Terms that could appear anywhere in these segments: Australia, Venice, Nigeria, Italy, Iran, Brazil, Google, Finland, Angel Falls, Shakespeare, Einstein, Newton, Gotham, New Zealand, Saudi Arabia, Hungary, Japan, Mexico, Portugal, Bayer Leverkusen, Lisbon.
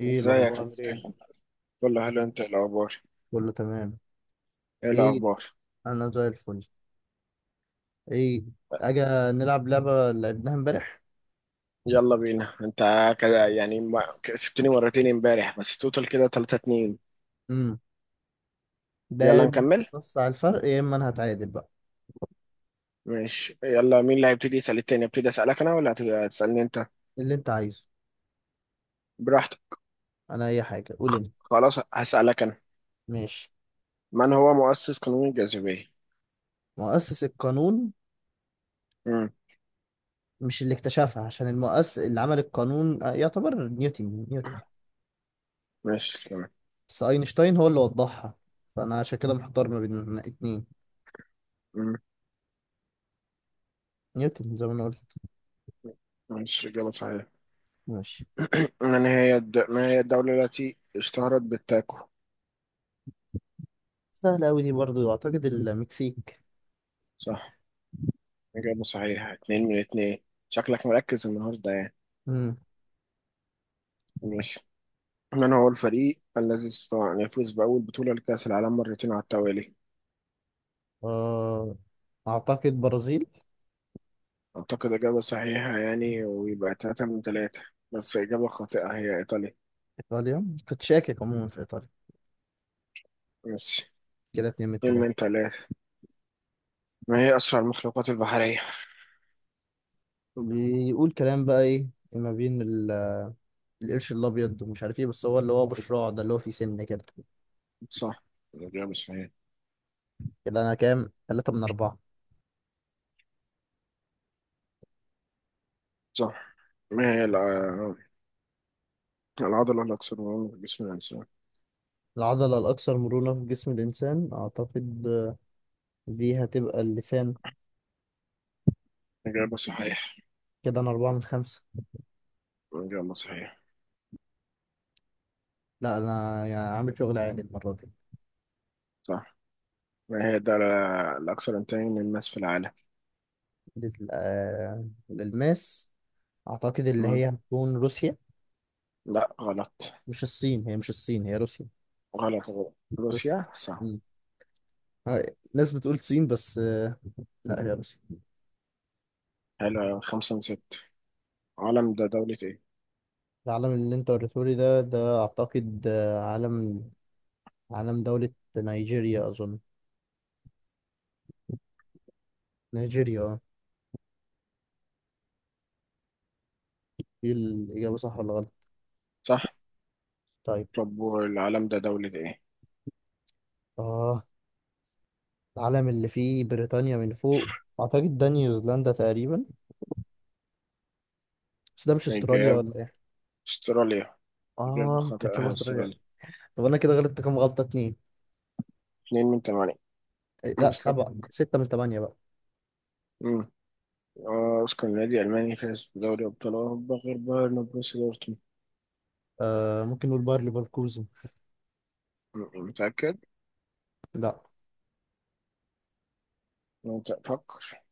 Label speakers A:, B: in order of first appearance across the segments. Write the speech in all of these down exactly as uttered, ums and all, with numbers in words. A: ايه
B: ازيك؟
A: الاخبار عامل ايه.
B: كله حلو. انت ايه الاخبار؟
A: كله تمام.
B: ايه
A: ايه؟
B: الاخبار؟
A: انا زي الفل. ايه؟ اجي نلعب لعبه اللي لعبناها امبارح.
B: يلا بينا انت. كده يعني ما كسبتني مرتين امبارح بس توتال كده تلاتة اتنين.
A: امم ده يا
B: يلا
A: إما.
B: نكمل.
A: بص على الفرق يا اما انا هتعادل بقى.
B: ماشي. يلا، مين اللي هيبتدي يسأل التاني؟ ابتدي اسألك انا ولا هت- هتسألني انت؟
A: اللي انت عايزه،
B: براحتك.
A: انا اي حاجه، قول انت.
B: خلاص، هسألك انا.
A: ماشي.
B: من هو مؤسس قانون الجاذبية؟
A: مؤسس القانون؟
B: امم.
A: مش اللي اكتشفها، عشان المؤسس اللي عمل القانون آه، يعتبر نيوتن نيوتن
B: ماشي تمام.
A: بس اينشتاين هو اللي وضحها، فانا عشان كده محتار ما بين اتنين.
B: امم.
A: نيوتن زي ما انا قلت.
B: ماشي، اجابة صحيحة.
A: ماشي.
B: من هي الد... ما هي الدولة التي اشتهرت بالتاكو؟
A: سهله قوي دي برضو، اعتقد المكسيك.
B: صح. اجابة صحيحة، اتنين من اتنين. شكلك مركز النهاردة يعني.
A: امم
B: ماشي. من هو الفريق الذي استطاع أن يفوز بأول بطولة لكأس العالم مرتين على التوالي؟
A: آه، أعتقد برازيل.
B: أعتقد إجابة صحيحة يعني، ويبقى تلاتة من تلاتة. بس إجابة خاطئة، هي إيطاليا.
A: إيطاليا؟ كنت شاكك عموما في إيطاليا.
B: ماشي.
A: كده اتنين من
B: اتنين من
A: التلاتة.
B: تلاتة. ما هي أسرع المخلوقات البحرية؟
A: بيقول كلام بقى إيه. ما بين ال- القرش الأبيض ومش عارف إيه، بس هو اللي هو أبو شراع ده، اللي هو فيه سن كده.
B: صح. إجابة صحيحة.
A: كده أنا كام؟ تلاتة من أربعة.
B: صح. ما هي الع- العضلة الأكثر مرونة في جسم الإنسان؟
A: العضلة الأكثر مرونة في جسم الإنسان؟ أعتقد آه، دي هتبقى اللسان.
B: إجابة صحيحة.
A: كده أنا أربعة من خمسة.
B: إجابة صحيحة.
A: لا أنا يعني عامل شغل عالي المرة دي.
B: صح. ما هي الدولة الأكثر إنتاجا للماس في العالم؟
A: لل- آه، الألماس؟ أعتقد اللي
B: مم.
A: هي هتكون روسيا.
B: لا، غلط.
A: مش الصين، هي مش الصين، هي روسيا.
B: غلط غلط.
A: روسيا.
B: روسيا صح.
A: آه، ناس بتقول صين، بس آه، لا هي روسيا.
B: حلو أوي. خمسة من ستة. العالم ده دولة ايه؟
A: العلم اللي انت وريته لي ده، ده اعتقد آه، علم، علم دولة نيجيريا اظن. نيجيريا، اه. دي الاجابة صح ولا غلط؟
B: صح.
A: طيب.
B: طب والعالم ده دولة ايه؟
A: اه. العلم اللي فيه بريطانيا من فوق، اعتقد ده نيوزيلندا تقريبا. بس ده مش استراليا ولا
B: إجابة.
A: ايه؟
B: استراليا. إجابة
A: اه، ممكن شبه
B: خاطئة،
A: استراليا.
B: استراليا.
A: طب انا كده غلطت كام غلطة؟ اتنين.
B: اتنين من تمانية.
A: إيه، لا
B: وصلت.
A: سبعة، ستة من تمانية بقى.
B: مم. آه، أوسكار، نادي ألماني فاز بدوري أبطال أوروبا غير بايرن وبروسيا دورتموند.
A: آه، ممكن نقول باير ليفركوزن.
B: مم، متأكد؟
A: لا
B: مت- فكر.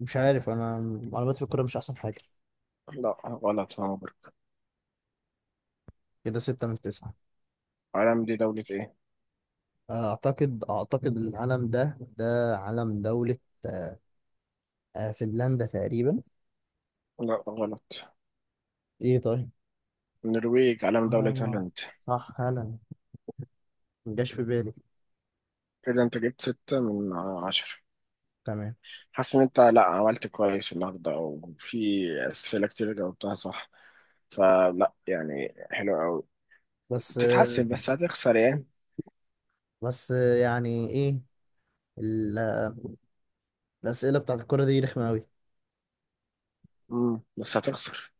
A: مش عارف انا، معلوماتي في الكورة مش احسن حاجة.
B: لا، غلط. هامبورغ.
A: كده ستة من تسعة.
B: العالم دي دولة ايه؟
A: اعتقد اعتقد العلم ده، ده علم دولة آه، فنلندا تقريبا.
B: لا، غلط.
A: ايه طيب.
B: النرويج. علم دولة
A: اه
B: هولندا.
A: صح، هلا. مجاش في بالي.
B: كده انت جبت ستة من عشرة.
A: تمام.
B: حاسس ان انت، لا، عملت كويس النهارده وفي أسئلة كتير جاوبتها صح. فلا يعني، حلو قوي.
A: بس آه،
B: بتتحسن بس هتخسر يعني.
A: بس آه، يعني ايه، ال- الأسئلة بتاعت الكرة دي رخمة أوي.
B: امم بس هتخسر.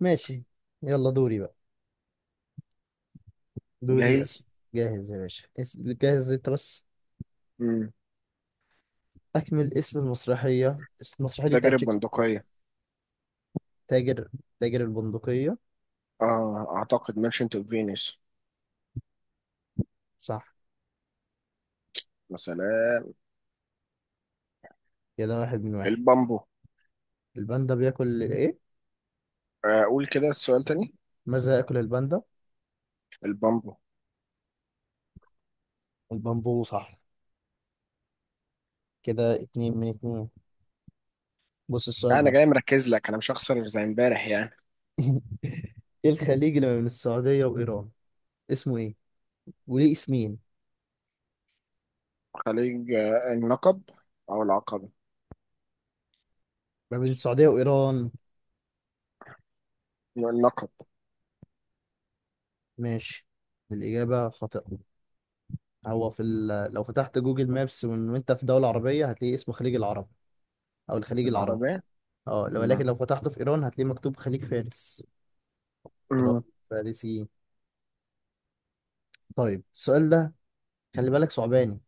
A: ماشي. يلا دوري بقى. دوري
B: جاهز.
A: أس. جاهز يا باشا. اس- جاهز انت بس.
B: امم.
A: اكمل اسم المسرحية. اسم المسرحية دي بتاعت
B: تجربة
A: شكسبير.
B: بندقية.
A: تاجر، تاجر البندقية.
B: اه، اعتقد ميرشنت اوف فينيس.
A: صح،
B: مثلا.
A: كده واحد من واحد.
B: البامبو.
A: الباندا بياكل ايه؟
B: آه، اقول كده السؤال تاني.
A: ماذا يأكل الباندا؟
B: البامبو.
A: البامبو. صح، كده اتنين من اتنين. بص السؤال
B: لا، انا
A: ده،
B: جاي مركز لك، انا مش هخسر زي امبارح يعني.
A: ايه الخليج اللي ما بين السعودية وإيران؟ اسمه ايه؟ وليه اسمين؟
B: خليج آه، النقب. او العقبة.
A: ما بين السعودية وإيران.
B: النقب.
A: ماشي، الإجابة خاطئة. هو في ال... لو فتحت جوجل مابس وإن- وانت في دولة عربية هتلاقي اسمه خليج العرب، او الخليج العربي.
B: العربية.
A: اه، لو-
B: مم.
A: ولكن لو فتحته في إيران هتلاقيه مكتوب خليج فارس. إيران
B: مم.
A: فارسيين. طيب السؤال ده، خلي بالك صعباني.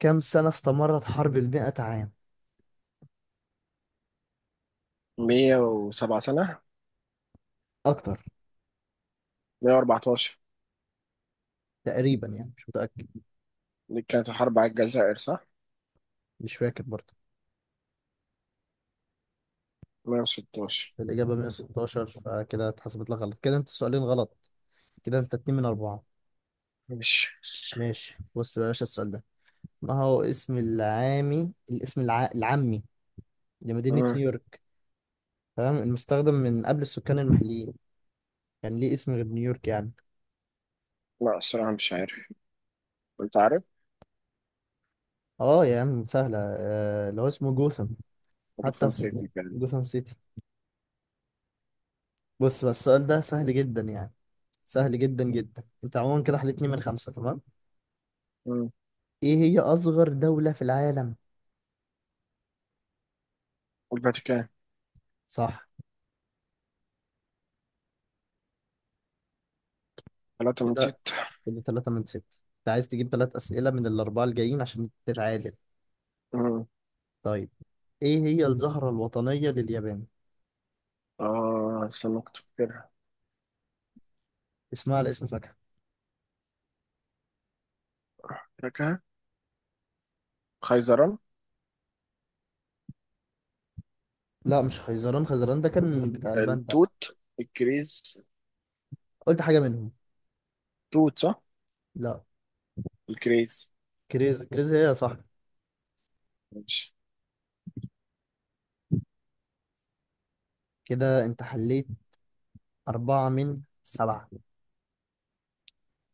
A: كم سنة استمرت حرب المئة عام؟
B: مية وسبعة سنة.
A: أكتر.
B: مية واربعتاشر.
A: تقريبا يعني، مش متأكد.
B: دي كانت الحرب على الجزائر، صح؟
A: مش فاكر برضه. بس
B: مية وستاشر.
A: الإجابة مية وستاشر، فكده اتحسبت لك غلط. كده أنت سؤالين غلط، كده أنت اتنين من أربعة.
B: ماشي.
A: ماشي. بص بقى يا باشا السؤال ده. ما هو اسم العامي، الاسم الع... العامي لمدينة نيويورك، تمام، المستخدم من قبل السكان المحليين؟ كان ليه اسم غير نيويورك يعني.
B: لا، الصراحة مش عارف. أنت عارف؟
A: اه يا عم سهلة، آه، اللي هو اسمه جوثام. حتى
B: الفاتيكان
A: في
B: سيتي يعني.
A: جوثام سيتي. بص بقى السؤال ده سهل جدا يعني، سهل جدا جدا. انت عموما كده حليت اتنين من خمسة تمام.
B: مم.
A: ايه هي أصغر دولة في العالم؟
B: والفاتيكان.
A: صح،
B: ثلاثة،
A: كده
B: نسيت.
A: كده تلاتة من ستة. انت عايز تجيب تلات أسئلة من الأربعة الجايين عشان تتعادل.
B: مم.
A: طيب، ايه هي الزهرة الوطنية لليابان؟
B: آه استنى، كنت فاكرها.
A: اسمها على اسم فاكهة.
B: فاكرها. خيزران.
A: لا مش خيزران، خيزران ده كان بتاع الباندا.
B: التوت. الكريز.
A: قلت حاجة منهم.
B: توت صح؟
A: لا.
B: الكريز.
A: كريز، كريز هي صح.
B: ماشي.
A: كده انت حليت أربعة من سبعة.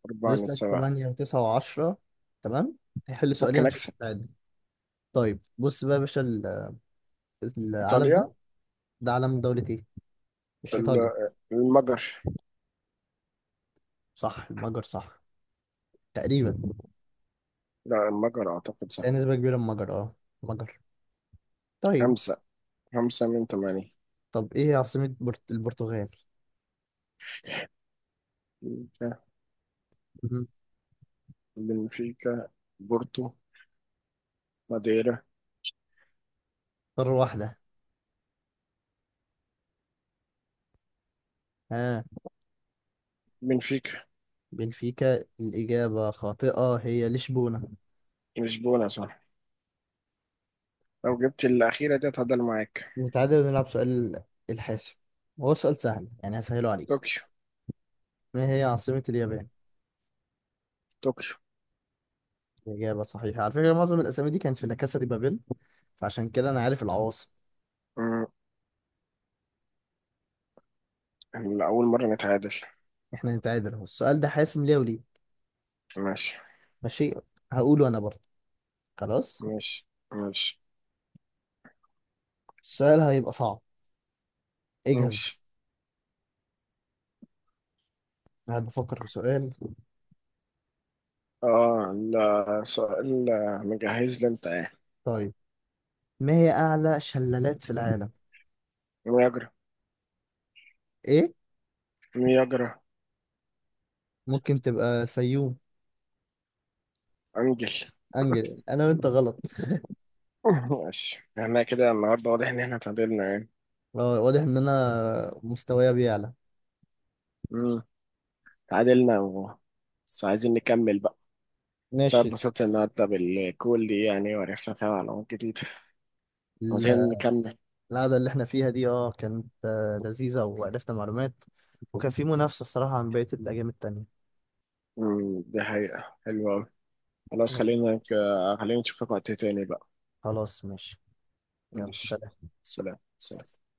B: أربعة
A: ناقص
B: من
A: لك
B: سبعة.
A: تمانية وتسعة وعشرة، تمام؟ هيحل سؤالين
B: ممكن
A: عشان
B: أكسب.
A: تتعادل. طيب بص بقى يا باشا ال- العلم
B: إيطاليا.
A: ده، ده علم دولة ايه؟ مش إيطاليا.
B: ال- المجر.
A: صح المجر، صح تقريبا.
B: لا، المجر أعتقد
A: بس هي
B: صح.
A: نسبة كبيرة، المجر اه، المجر. طيب.
B: خمسة. خمسة من ثمانية.
A: طب ايه عاصمة برت... البرتغال؟
B: بنفيكا.
A: مهم.
B: بنفيكا. بورتو. ماديرا.
A: قارة واحدة. ها؟
B: بنفيكا.
A: بنفيكا الإجابة خاطئة، هي لشبونة.
B: لشبونة صح. لو جبت الأخيرة دي هتعادل معاك.
A: نتعادل ونلعب سؤال الحاسم. هو سؤال سهل يعني، هسهله عليك.
B: طوكيو.
A: ما هي عاصمة اليابان؟
B: طوكيو.
A: الإجابة صحيحة. على فكرة معظم الأسامي دي كانت في لا كاسا دي بابيل، فعشان كده أنا عارف العواصم.
B: مم. إحنا أول مرة نتعادل.
A: احنا نتعادل اهو. السؤال ده حاسم ليه وليه.
B: ماشي.
A: ماشي، هقوله أنا برضه. خلاص.
B: ماشي، ماشي.
A: السؤال هيبقى صعب، اجهز بقى.
B: ماشي.
A: أنا بفكر في سؤال.
B: آه، لا، سؤال مجهز لي أنت إيه؟
A: طيب، ما هي أعلى شلالات في العالم؟
B: مياجرا.
A: إيه؟
B: مياجرا.
A: ممكن تبقى سيوم.
B: أنجل.
A: انجل. انا وانت غلط.
B: ماشي، إحنا كده النهاردة واضح إن إحنا تعادلنا يعني.
A: واضح ان انا مستوايا بيعلى.
B: مم. تعادلنا و بس عايزين نكمل بقى. سبب
A: ماشي.
B: بسيطة النهاردة بالكول دي يعني وعرفنا فيها معلومات جديدة.
A: ال-
B: عايزين نكمل.
A: القعدة اللي احنا فيها دي اه كانت آه، لذيذة، وعرفنا معلومات. وكان في منافسة الصراحة عن بقية الأيام التانية.
B: مم. دي حقيقة حلوة أوي. خلاص،
A: خلاص.
B: خلينا. خلينا نشوفك وقت تاني بقى.
A: خلاص ماشي. يلا
B: ماشي.
A: سلام.
B: سلام، سلام.